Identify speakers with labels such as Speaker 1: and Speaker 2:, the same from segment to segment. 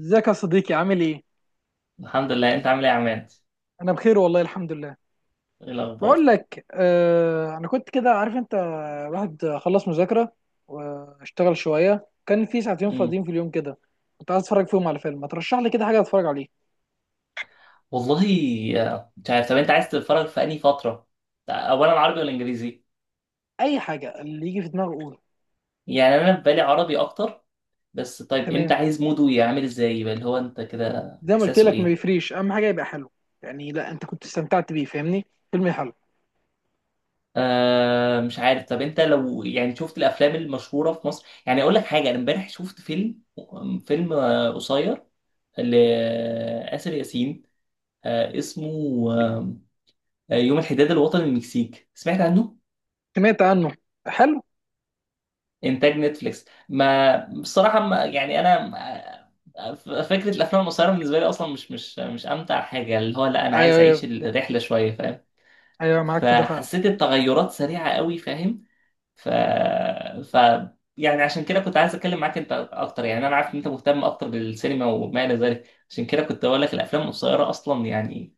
Speaker 1: ازيك يا صديقي عامل ايه؟
Speaker 2: الحمد لله، انت عامل ايه يا عماد؟
Speaker 1: انا بخير والله الحمد لله.
Speaker 2: ايه
Speaker 1: بقول
Speaker 2: الاخبار؟
Speaker 1: لك انا كنت كده عارف انت الواحد خلص مذاكرة واشتغل شوية، كان في ساعتين
Speaker 2: مم.
Speaker 1: فاضيين في اليوم كده، كنت عايز اتفرج فيهم على فيلم. ما ترشح لي كده حاجة اتفرج عليه.
Speaker 2: والله، مش عارف. طب انت عايز تتفرج في انهي فتره؟ اولا عربي ولا انجليزي؟
Speaker 1: اي حاجة اللي يجي في دماغي قوله.
Speaker 2: يعني انا في بالي عربي اكتر، بس طيب انت
Speaker 1: تمام،
Speaker 2: عايز موده يعمل ازاي؟ يبقى اللي هو انت كده
Speaker 1: زي ما قلت
Speaker 2: احساسه
Speaker 1: لك ما
Speaker 2: ايه؟
Speaker 1: بيفريش، اهم حاجة يبقى حلو، يعني لا انت كنت استمتعت بيه، فاهمني؟ فيلم حلو.
Speaker 2: آه مش عارف. طب انت لو يعني شفت الافلام المشهوره في مصر، يعني اقول لك حاجه، انا امبارح شفت فيلم، فيلم قصير لآسر ياسين. آه اسمه يوم الحداد الوطني، المكسيك، سمعت عنه؟
Speaker 1: سمعت عنه. حلو.
Speaker 2: انتاج نتفليكس. ما بصراحه ما يعني انا فكره الافلام القصيره بالنسبه لي اصلا مش امتع حاجه، اللي هو لا انا
Speaker 1: ايوه
Speaker 2: عايز اعيش
Speaker 1: ايوه،
Speaker 2: الرحله شويه، فاهم؟
Speaker 1: ايوه معاك في ده فعلا.
Speaker 2: فحسيت التغيرات سريعه قوي، فاهم؟ ف ف يعني عشان كده كنت عايز اتكلم معاك انت اكتر. يعني انا عارف ان انت مهتم اكتر بالسينما وما الى ذلك، عشان كده كنت اقول لك الافلام القصيره اصلا يعني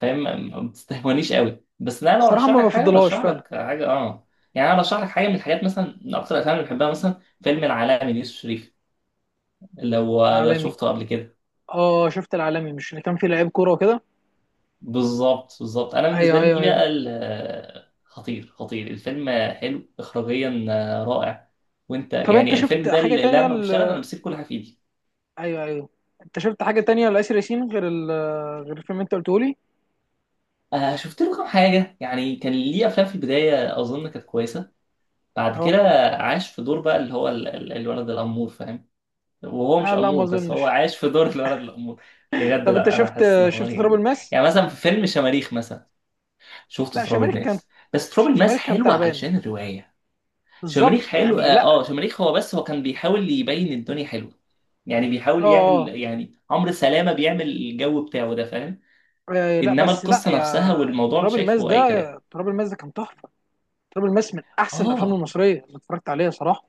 Speaker 2: فاهم، ما بتستهونيش قوي. بس لا، لو
Speaker 1: الصراحة
Speaker 2: ارشح
Speaker 1: ما
Speaker 2: لك حاجه
Speaker 1: بفضلهاش
Speaker 2: ارشح
Speaker 1: فعلا.
Speaker 2: لك حاجه اه. يعني انا ارشح لك حاجه من الحاجات، مثلا من اكتر الافلام اللي بحبها مثلا فيلم العالمي ليوسف شريف، اللي هو
Speaker 1: العالمي.
Speaker 2: شفته قبل كده.
Speaker 1: اه شفت العالمي، مش اللي كان فيه لعيب كورة وكده.
Speaker 2: بالظبط بالظبط. انا بالنسبه
Speaker 1: ايوه
Speaker 2: لي
Speaker 1: ايوه
Speaker 2: دي بقى
Speaker 1: ايوه.
Speaker 2: خطير خطير. الفيلم حلو اخراجيا، رائع. وانت
Speaker 1: طب انت
Speaker 2: يعني
Speaker 1: شفت
Speaker 2: الفيلم ده
Speaker 1: حاجه
Speaker 2: اللي
Speaker 1: تانية
Speaker 2: لما بيشتغل انا
Speaker 1: ل...
Speaker 2: بسيب كل حاجه في ايدي.
Speaker 1: ايوه ايوه، انت شفت حاجه تانية لآسر ياسين غير ال... غير الفيلم اللي انت قلته لي؟
Speaker 2: آه شفت له كام حاجه، يعني كان ليه افلام في البدايه اظن كانت كويسه. بعد
Speaker 1: اهو.
Speaker 2: كده عاش في دور بقى اللي هو الولد الامور، فاهم؟ وهو مش
Speaker 1: آه لا ما
Speaker 2: امور، بس هو
Speaker 1: اظنش.
Speaker 2: عايش في دور الولد الامور. بجد
Speaker 1: طب انت
Speaker 2: لا، انا
Speaker 1: شفت،
Speaker 2: حاسس ان هو
Speaker 1: شفت تراب
Speaker 2: يعني.
Speaker 1: الماس؟
Speaker 2: يعني مثلا في فيلم شماريخ مثلا. شفت
Speaker 1: لا
Speaker 2: تراب
Speaker 1: شماريخ كان،
Speaker 2: الماس، بس تراب الماس
Speaker 1: شماريخ كان
Speaker 2: حلوه
Speaker 1: تعبان،
Speaker 2: علشان الروايه. شماريخ
Speaker 1: بالظبط
Speaker 2: حلو
Speaker 1: يعني
Speaker 2: اه،
Speaker 1: لا.
Speaker 2: شماريخ هو بس هو كان بيحاول يبين الدنيا حلوه، يعني
Speaker 1: اه
Speaker 2: بيحاول يعمل،
Speaker 1: اه.
Speaker 2: يعني عمرو سلامه بيعمل الجو بتاعه ده فاهم.
Speaker 1: آه، لا
Speaker 2: انما
Speaker 1: بس لا
Speaker 2: القصه نفسها
Speaker 1: يا
Speaker 2: والموضوع
Speaker 1: تراب الماس
Speaker 2: شايفه
Speaker 1: ده،
Speaker 2: اي كلام.
Speaker 1: تراب الماس ده كان تحفه. تراب الماس من احسن الافلام
Speaker 2: اه
Speaker 1: المصريه اللي اتفرجت عليها صراحه.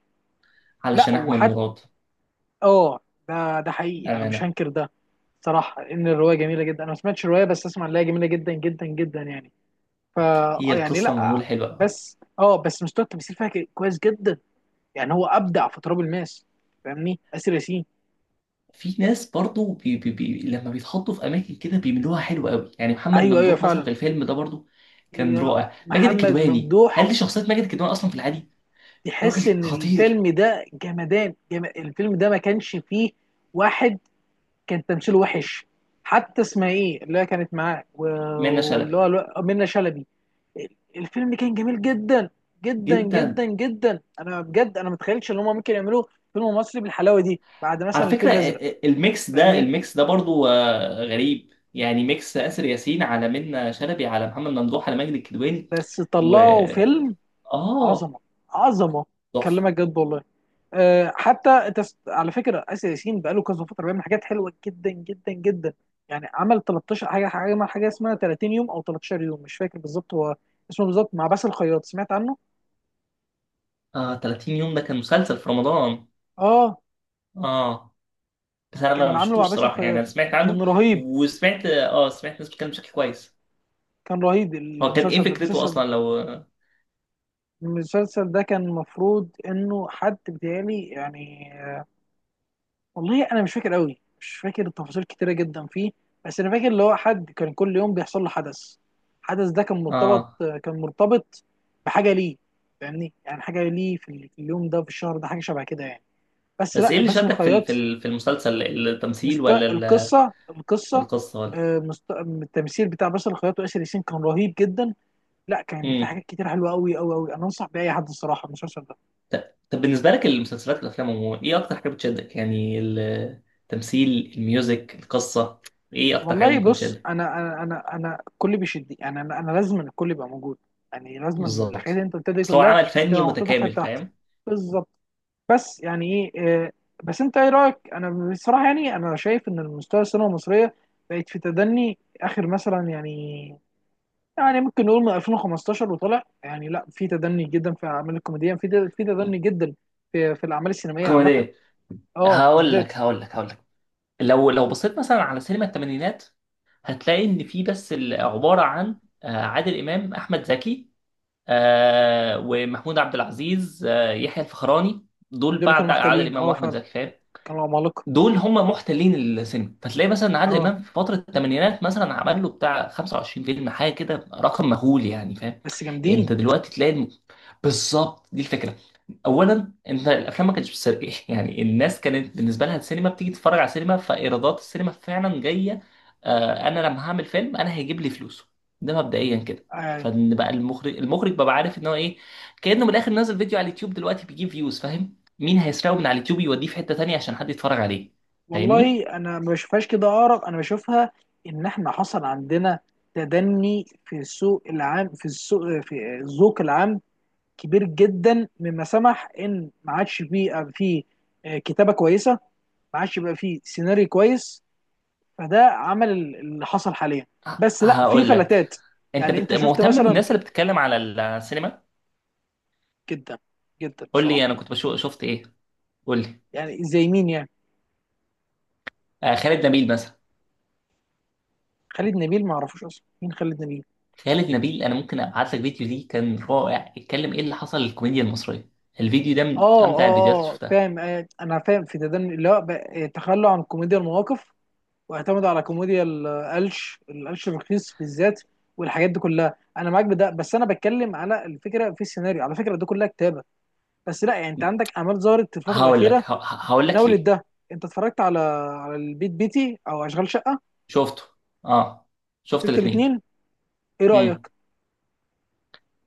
Speaker 1: لا
Speaker 2: علشان احمد
Speaker 1: وحتى،
Speaker 2: مراد.
Speaker 1: اه ده ده حقيقي انا مش
Speaker 2: امانه.
Speaker 1: هنكر ده. صراحه ان الروايه جميله جدا، انا ما سمعتش الروايه بس اسمع ان هي جميله جدا جدا جدا يعني. فا
Speaker 2: هي
Speaker 1: اه يعني
Speaker 2: القصه
Speaker 1: لا،
Speaker 2: معموله حلوه أوي.
Speaker 1: بس اه بس مستوى التمثيل فيها كويس جدا، يعني هو ابدع في تراب الماس، فاهمني؟ اسر ياسين.
Speaker 2: في ناس برضو بي بي بي لما بيتحطوا في اماكن كده بيعملوها حلوه قوي. يعني محمد
Speaker 1: ايوه ايوه
Speaker 2: ممدوح مثلا
Speaker 1: فعلا.
Speaker 2: في الفيلم ده برضو كان
Speaker 1: يا
Speaker 2: رائع. ماجد
Speaker 1: محمد
Speaker 2: الكدواني، هل
Speaker 1: ممدوح،
Speaker 2: دي شخصيه ماجد الكدواني اصلا في العادي؟ راجل
Speaker 1: تحس ان
Speaker 2: خطير.
Speaker 1: الفيلم ده جمدان الفيلم ده ما كانش فيه واحد كان تمثيله وحش. حتى اسمها ايه اللي هي كانت معاه
Speaker 2: منة
Speaker 1: واللي
Speaker 2: شلبي.
Speaker 1: هو منة شلبي. الفيلم كان جميل جدا جدا جدا
Speaker 2: جدا.
Speaker 1: جدا، انا بجد انا ما اتخيلتش ان هم ممكن يعملوا فيلم مصري بالحلاوه دي بعد مثلا
Speaker 2: على
Speaker 1: الفيل
Speaker 2: فكره
Speaker 1: الازرق،
Speaker 2: الميكس ده،
Speaker 1: فاهمني؟
Speaker 2: الميكس ده برضو غريب. يعني ميكس آسر ياسين على منة شلبي على محمد ممدوح على ماجد الكدواني.
Speaker 1: بس
Speaker 2: و
Speaker 1: طلعوا فيلم
Speaker 2: اه
Speaker 1: عظمه، عظمه.
Speaker 2: تحفه.
Speaker 1: كلمك جد والله. أه حتى على فكره اسر ياسين بقاله كذا فتره بيعمل حاجات حلوه جدا جدا جدا. يعني عمل 13 حاجه، حاجه عمل حاجه اسمها 30 يوم او 13 يوم مش فاكر بالظبط هو اسمه بالظبط، مع باسل الخياط، سمعت عنه؟
Speaker 2: اه 30 يوم ده كان مسلسل في رمضان.
Speaker 1: اه
Speaker 2: اه بس انا ما
Speaker 1: كان
Speaker 2: ما
Speaker 1: عامله
Speaker 2: شفتوش
Speaker 1: مع باسل
Speaker 2: صراحه، يعني انا
Speaker 1: الخياط،
Speaker 2: سمعت عنه.
Speaker 1: كان رهيب.
Speaker 2: وسمعت اه، سمعت ناس بتتكلم بشكل كويس.
Speaker 1: كان رهيب
Speaker 2: هو كان
Speaker 1: المسلسل
Speaker 2: ايه
Speaker 1: ده،
Speaker 2: فكرته
Speaker 1: المسلسل،
Speaker 2: اصلا لو.
Speaker 1: المسلسل ده كان المفروض انه حد بيتهيألي يعني، والله انا مش فاكر قوي، مش فاكر تفاصيل كتيره جدا فيه. بس انا فاكر اللي هو حد كان كل يوم بيحصل له حدث، الحدث ده كان مرتبط،
Speaker 2: اه
Speaker 1: كان مرتبط بحاجه ليه، فاهمني؟ يعني حاجه ليه في اليوم ده في الشهر ده، حاجه شبه كده يعني. بس
Speaker 2: بس ايه
Speaker 1: لا
Speaker 2: اللي
Speaker 1: باسل
Speaker 2: شدك في
Speaker 1: الخياط
Speaker 2: في المسلسل؟ التمثيل ولا
Speaker 1: القصه،
Speaker 2: ولا
Speaker 1: القصه،
Speaker 2: القصه ولا.
Speaker 1: التمثيل بتاع باسل الخياط واسر ياسين كان رهيب جدا. لا كان في
Speaker 2: امم
Speaker 1: حاجات كتير حلوه قوي قوي قوي، انا انصح باي حد الصراحه المسلسل ده.
Speaker 2: طب بالنسبه لك المسلسلات والافلام عموما ايه اكتر حاجه بتشدك؟ يعني التمثيل، الميوزك، القصه، ايه اكتر حاجه
Speaker 1: والله
Speaker 2: ممكن
Speaker 1: بص
Speaker 2: تشدك؟
Speaker 1: انا انا الكل بيشدني، يعني انا لازم الكل يبقى موجود. يعني لازم الحاجات اللي
Speaker 2: بالظبط.
Speaker 1: انت قلتها دي
Speaker 2: اصل هو
Speaker 1: كلها
Speaker 2: عمل فني
Speaker 1: تبقى محطوطه في
Speaker 2: متكامل،
Speaker 1: حته واحده.
Speaker 2: فاهم.
Speaker 1: بالظبط. بس يعني ايه بس انت ايه رايك؟ انا بصراحه يعني انا شايف ان المستوى السينما المصريه بقت في تدني اخر مثلا، يعني يعني ممكن نقول من 2015 وطلع يعني لا في تدني جدا في الاعمال الكوميديه، في تدني جدا في الاعمال السينمائيه عامه.
Speaker 2: كوميديه.
Speaker 1: اه بالذات.
Speaker 2: هقول لك. لو لو بصيت مثلا على سينما الثمانينات هتلاقي ان في بس عباره عن عادل امام، احمد زكي، ومحمود عبد العزيز، يحيى الفخراني. دول
Speaker 1: دول اللي كانوا
Speaker 2: بعد عادل
Speaker 1: محتلين،
Speaker 2: امام
Speaker 1: اه
Speaker 2: واحمد
Speaker 1: فعلا
Speaker 2: زكي، فاهم.
Speaker 1: كانوا عمالقه.
Speaker 2: دول هم محتلين السينما. فتلاقي مثلا عادل
Speaker 1: اه
Speaker 2: امام في فتره الثمانينات مثلا عمل له بتاع 25 فيلم حاجه كده، رقم مهول يعني فاهم.
Speaker 1: بس جامدين.
Speaker 2: انت دلوقتي تلاقي بالظبط دي الفكره. اولا انت الافلام ما كانتش بتسرق يعني الناس كانت بالنسبه لها السينما بتيجي تتفرج على السينما، فايرادات السينما فعلا جايه. آه انا لما هعمل فيلم انا هيجيب لي فلوسه. ده مبدئيا كده.
Speaker 1: آه،
Speaker 2: فان بقى المخرج، المخرج بقى عارف ان هو ايه، كانه من الاخر نازل فيديو على اليوتيوب دلوقتي بيجيب فيوز، فاهم؟ مين هيسرقه من على اليوتيوب يوديه في حتة تانية عشان حد يتفرج عليه؟ فاهمني.
Speaker 1: والله انا ما بشوفهاش كده، ارق انا بشوفها ان احنا حصل عندنا تدني في السوق العام، في السوق في الذوق العام كبير جدا، مما سمح ان ما عادش بيبقى فيه كتابه كويسه، ما عادش بيبقى فيه سيناريو كويس، فده عمل اللي حصل حاليا. بس لا في
Speaker 2: هقول لك.
Speaker 1: فلتات.
Speaker 2: انت
Speaker 1: يعني انت شفت
Speaker 2: مهتم
Speaker 1: مثلا؟
Speaker 2: بالناس اللي بتتكلم على السينما.
Speaker 1: جدا جدا
Speaker 2: قول
Speaker 1: بصراحه.
Speaker 2: لي انا كنت بشوف شفت ايه. قول لي.
Speaker 1: يعني زي مين يعني؟
Speaker 2: آه خالد نبيل مثلا.
Speaker 1: خالد نبيل ما اعرفوش اصلا مين خالد نبيل.
Speaker 2: خالد نبيل انا ممكن ابعت لك فيديو ليه، كان رائع. اتكلم ايه اللي حصل للكوميديا المصرية. الفيديو ده
Speaker 1: اه
Speaker 2: من امتع الفيديوهات اللي
Speaker 1: اه اه
Speaker 2: شفتها.
Speaker 1: فاهم، انا فاهم في تدني اللي هو تخلوا عن كوميديا المواقف واعتمدوا على كوميديا القلش، القلش الرخيص بالذات، والحاجات دي كلها انا معاك بده. بس انا بتكلم على الفكره في السيناريو، على فكره ده كلها كتابه. بس لا يعني انت عندك اعمال ظهرت في الفتره
Speaker 2: هقول لك
Speaker 1: الاخيره
Speaker 2: ه... ه- هقول لك
Speaker 1: ناولت
Speaker 2: ليه.
Speaker 1: ده. انت اتفرجت على، على البيت بيتي او اشغال شقه؟
Speaker 2: شفته. اه شفت
Speaker 1: شفت
Speaker 2: الاثنين.
Speaker 1: الاثنين؟ ايه رايك؟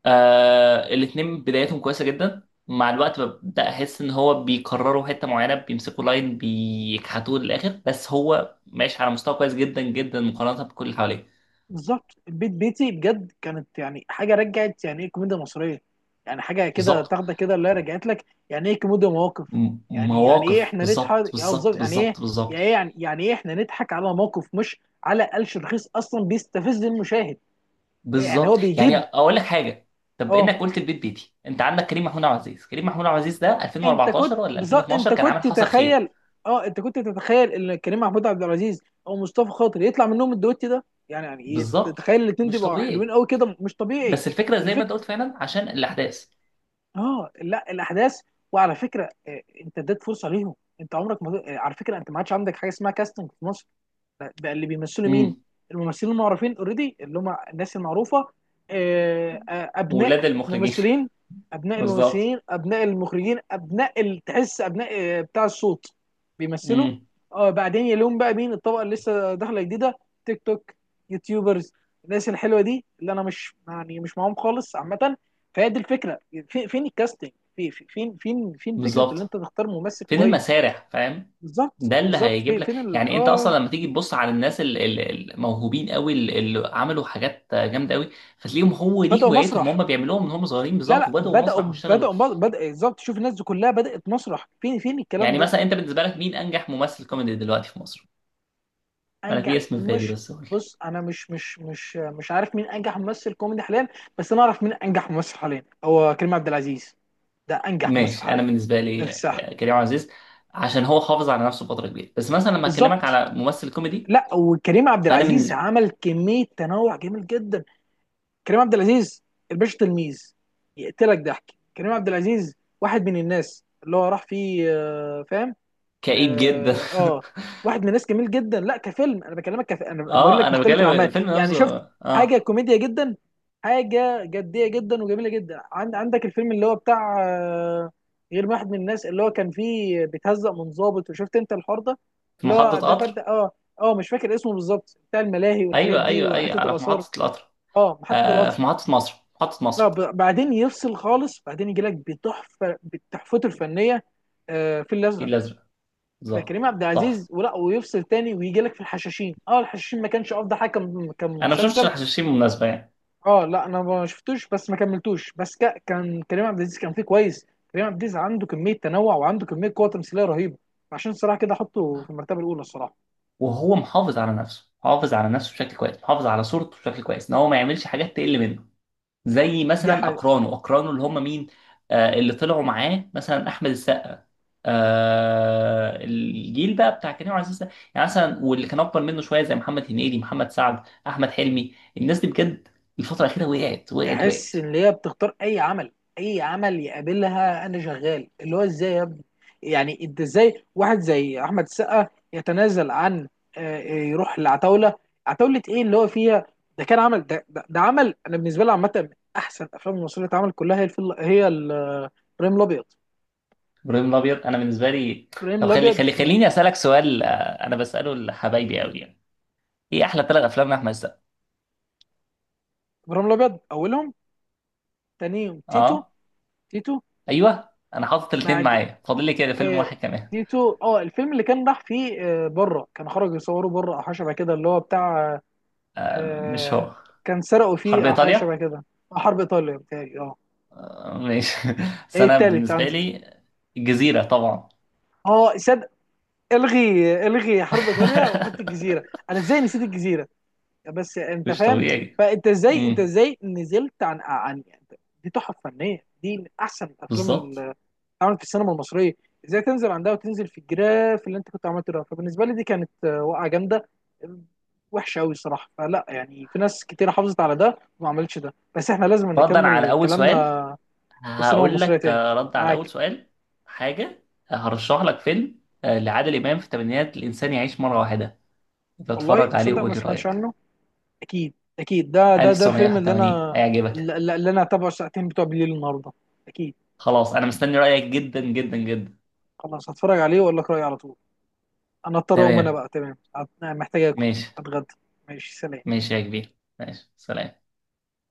Speaker 2: آه الاتنين بدايتهم كويسة جدا، مع الوقت ببدأ أحس إن هو بيكرروا حتة معينة، بيمسكوا لاين بيكحتوه للآخر، بس هو ماشي على مستوى كويس جدا جدا مقارنة بكل اللي حواليه.
Speaker 1: بالظبط البيت بيتي بجد كانت يعني حاجه رجعت يعني ايه كوميديا مصريه، يعني حاجه كده
Speaker 2: بالظبط.
Speaker 1: تاخده كده اللي هي رجعت لك يعني ايه كوميديا مواقف. يعني يعني ايه
Speaker 2: مواقف.
Speaker 1: احنا
Speaker 2: بالظبط
Speaker 1: نضحك يا بالظبط،
Speaker 2: بالظبط
Speaker 1: يعني ايه
Speaker 2: بالظبط
Speaker 1: يا
Speaker 2: بالظبط
Speaker 1: ايه، يعني يعني ايه احنا نضحك على موقف، مش على قلش رخيص اصلا بيستفز المشاهد. يعني هو
Speaker 2: بالظبط. يعني
Speaker 1: بيجيب.
Speaker 2: أقول لك حاجة. طب
Speaker 1: اه
Speaker 2: إنك قلت البيت بيتي، أنت عندك كريم محمود عبد العزيز. كريم محمود عبد العزيز ده
Speaker 1: انت كنت
Speaker 2: 2014 ولا
Speaker 1: بالظبط، انت
Speaker 2: 2012، كان عامل
Speaker 1: كنت
Speaker 2: حصل خير.
Speaker 1: تتخيل، اه انت كنت تتخيل ان كريم محمود عبد العزيز او مصطفى خاطر يطلع منهم الدويت ده؟ يعني يعني ايه
Speaker 2: بالظبط.
Speaker 1: تتخيل الاتنين دول
Speaker 2: مش
Speaker 1: يبقوا حلوين
Speaker 2: طبيعي.
Speaker 1: قوي كده؟ مش طبيعي.
Speaker 2: بس الفكرة زي ما أنت قلت فعلا عشان الأحداث.
Speaker 1: اه لا الاحداث. وعلى فكره انت اديت فرصه ليهم. انت عمرك ما على فكره انت ما عادش عندك حاجه اسمها كاستنج في مصر، بقى اللي بيمثلوا مين؟
Speaker 2: امم.
Speaker 1: الممثلين المعروفين اوريدي اللي هم الناس المعروفه، ابناء
Speaker 2: ولاد المخرجين.
Speaker 1: ممثلين، ابناء
Speaker 2: بالظبط.
Speaker 1: الممثلين، ابناء المخرجين، تحس ابناء بتاع الصوت بيمثلوا.
Speaker 2: امم.
Speaker 1: اه بعدين يلوم بقى مين؟ الطبقه اللي لسه داخله جديده، تيك توك، يوتيوبرز، الناس الحلوه دي اللي انا مش يعني مش معاهم خالص عامه. فهي دي الفكره، فين الكاستنج؟ في فين فين فين فكره ان انت
Speaker 2: بالظبط.
Speaker 1: تختار ممثل
Speaker 2: فين
Speaker 1: كويس؟
Speaker 2: المسارح، فاهم.
Speaker 1: بالظبط
Speaker 2: ده اللي
Speaker 1: بالظبط،
Speaker 2: هيجيب لك،
Speaker 1: فين ال...
Speaker 2: يعني انت اصلا
Speaker 1: اه.
Speaker 2: لما تيجي تبص على الناس الموهوبين قوي، اللي عملوا حاجات جامده قوي، فتلاقيهم هو دي
Speaker 1: بدأوا
Speaker 2: هوايتهم
Speaker 1: مسرح،
Speaker 2: هم بيعملوها من هم صغيرين،
Speaker 1: لا
Speaker 2: بالظبط
Speaker 1: لا
Speaker 2: وبداوا
Speaker 1: بدأوا
Speaker 2: مسرح واشتغلوا.
Speaker 1: بدأوا بدأ بدأ- بالظبط، شوف الناس دي كلها بدأت مسرح، فين فين الكلام
Speaker 2: يعني
Speaker 1: ده؟
Speaker 2: مثلا انت بالنسبه لك مين انجح ممثل كوميدي دلوقتي في مصر؟ انا في
Speaker 1: أنجح
Speaker 2: اسم في بالي
Speaker 1: مش،
Speaker 2: بس قول لي.
Speaker 1: بص أنا مش عارف مين أنجح ممثل كوميدي حاليا، بس أنا أعرف مين أنجح ممثل حاليا، هو كريم عبد العزيز. ده أنجح ممثل
Speaker 2: ماشي. انا
Speaker 1: حاليا،
Speaker 2: بالنسبه
Speaker 1: ده في
Speaker 2: لي
Speaker 1: الساحة.
Speaker 2: كريم عزيز، عشان هو حافظ على نفسه فتره كبيره. بس مثلا لما اكلمك
Speaker 1: بالظبط.
Speaker 2: على ممثل كوميدي.
Speaker 1: لا وكريم عبد
Speaker 2: فانا
Speaker 1: العزيز
Speaker 2: بالنسبه.
Speaker 1: عمل كمية تنوع جميل جدا. كريم عبد العزيز، الباشا تلميذ، يقتلك ضحك. كريم عبد العزيز واحد من الناس اللي هو راح فيه فاهم.
Speaker 2: كئيب جدا.
Speaker 1: اه واحد من الناس جميل جدا. لا كفيلم انا بكلمك انا بقول
Speaker 2: اه
Speaker 1: لك
Speaker 2: انا
Speaker 1: مختلف
Speaker 2: بكلم
Speaker 1: الاعمال
Speaker 2: الفيلم
Speaker 1: يعني شفت
Speaker 2: نفسه.
Speaker 1: حاجه
Speaker 2: اه
Speaker 1: كوميديا جدا، حاجه جديه جدا وجميله جدا. عندك الفيلم اللي هو بتاع غير واحد من الناس اللي هو كان فيه بيتهزق من ضابط، وشفت انت الحوار ده
Speaker 2: في
Speaker 1: اللي
Speaker 2: محطة
Speaker 1: هو ده فرد.
Speaker 2: قطر.
Speaker 1: اه اه مش فاكر اسمه بالظبط، بتاع الملاهي والحاجات
Speaker 2: ايوه
Speaker 1: دي
Speaker 2: ايوه ايوه،
Speaker 1: وحته
Speaker 2: على في
Speaker 1: الاثار.
Speaker 2: محطة القطر.
Speaker 1: اه محطه
Speaker 2: آه
Speaker 1: القطر.
Speaker 2: في محطة مصر، محطة
Speaker 1: لا
Speaker 2: مصر.
Speaker 1: بعدين يفصل خالص، بعدين يجي لك بتحفه بتحفته الفنيه، في
Speaker 2: الفيل
Speaker 1: الازرق.
Speaker 2: الازرق. بالظبط.
Speaker 1: فكريم عبد العزيز
Speaker 2: تحفة.
Speaker 1: ولا، ويفصل تاني ويجي لك في الحشاشين، اه الحشاشين ما كانش افضل حاجه
Speaker 2: انا ما شفتش
Speaker 1: كمسلسل.
Speaker 2: الحشاشين بالمناسبة يعني.
Speaker 1: اه لا انا ما شفتوش بس ما كملتوش، بس كان كريم عبد العزيز كان فيه كويس. كريم عبد العزيز عنده كميه تنوع وعنده كميه قوه تمثيليه رهيبه، عشان الصراحه كده احطه في المرتبه الاولى الصراحه.
Speaker 2: وهو محافظ على نفسه، محافظ على نفسه بشكل كويس، محافظ على صورته بشكل كويس، ان هو ما يعملش حاجات تقل منه زي
Speaker 1: دي
Speaker 2: مثلا
Speaker 1: ح-
Speaker 2: اقرانه. اللي هم مين؟ آه اللي طلعوا معاه مثلا احمد السقا. آه الجيل بقى بتاع كريم عبد العزيز ده. يعني مثلا، واللي كان اكبر منه شويه زي محمد هنيدي، محمد سعد، احمد حلمي. الناس دي بجد الفتره الاخيره وقعت وقعت
Speaker 1: تحس
Speaker 2: وقعت.
Speaker 1: ان هي بتختار اي عمل، اي عمل يقابلها انا شغال، اللي هو ازاي يا ابني؟ يعني انت ازاي واحد زي احمد السقا يتنازل عن يروح لعتاوله؟ عتاوله ايه اللي هو فيها؟ ده كان عمل، ده عمل انا بالنسبه لي عامه من احسن الافلام المصريه اللي اتعملت، كلها هي الفل... هي ال- آه، ابراهيم الابيض،
Speaker 2: ابراهيم الابيض، انا بالنسبه لي.
Speaker 1: ابراهيم
Speaker 2: طب
Speaker 1: الابيض من،
Speaker 2: خليني اسالك سؤال، انا بساله لحبايبي قوي يعني. ايه احلى 3 افلام لاحمد السقا؟
Speaker 1: ابراهيم الابيض اولهم، تانيهم تيتو،
Speaker 2: اه.
Speaker 1: تيتو
Speaker 2: ايوه انا حاطط الاثنين
Speaker 1: بعد
Speaker 2: معايا، فاضل لي كده فيلم
Speaker 1: آه،
Speaker 2: واحد كمان.
Speaker 1: تيتو. اه الفيلم اللي كان راح فيه بره، كان خرج يصوره بره او حاجه شبه كده، اللي هو بتاع
Speaker 2: مش
Speaker 1: آه،
Speaker 2: هو.
Speaker 1: كان سرقوا
Speaker 2: حرب
Speaker 1: فيه او حاجه شبه
Speaker 2: ايطاليا.
Speaker 1: كده، حرب ايطاليا بتاعي اه.
Speaker 2: ماشي. بس
Speaker 1: ايه
Speaker 2: انا
Speaker 1: التالت
Speaker 2: بالنسبه
Speaker 1: عندك؟
Speaker 2: لي جزيره طبعا.
Speaker 1: اه صدق، الغي الغي حرب ايطاليا وحط الجزيره. انا ازاي نسيت الجزيره؟ بس انت
Speaker 2: مش
Speaker 1: فاهم.
Speaker 2: طبيعي.
Speaker 1: فانت ازاي، انت
Speaker 2: امم.
Speaker 1: ازاي نزلت عن عن، دي تحف فنيه، دي من احسن الافلام
Speaker 2: بالظبط.
Speaker 1: عمل في السينما المصريه. ازاي تنزل عندها وتنزل في الجراف اللي انت كنت عملته ده؟ فبالنسبه لي دي كانت وقعه جامده وحشه قوي الصراحه. فلا يعني في ناس كتير حافظت على ده وما عملتش ده. بس احنا لازم
Speaker 2: ردا على
Speaker 1: نكمل
Speaker 2: اول
Speaker 1: كلامنا
Speaker 2: سؤال
Speaker 1: في السينما
Speaker 2: هقول
Speaker 1: المصريه
Speaker 2: لك،
Speaker 1: تاني.
Speaker 2: رد على اول
Speaker 1: معاك.
Speaker 2: سؤال، حاجه، هرشح لك فيلم لعادل امام في الثمانينات، الانسان يعيش مره واحده.
Speaker 1: والله
Speaker 2: اتفرج عليه
Speaker 1: تصدق
Speaker 2: وقول
Speaker 1: ما
Speaker 2: لي
Speaker 1: سمعتش
Speaker 2: رايك.
Speaker 1: عنه؟ اكيد اكيد ده ده ده الفيلم اللي
Speaker 2: 1981
Speaker 1: انا،
Speaker 2: هيعجبك.
Speaker 1: اللي اللي انا هتابعه الساعتين بتوع بالليل النهارده، اكيد.
Speaker 2: خلاص انا مستني رايك جدا جدا جدا.
Speaker 1: خلاص هتفرج عليه واقول لك رايي على طول. انا اضطر اقوم انا
Speaker 2: تمام.
Speaker 1: بقى، تمام محتاج اكل،
Speaker 2: ماشي.
Speaker 1: اتغدى. ماشي سلام.
Speaker 2: ماشي يا كبير، ماشي سلام.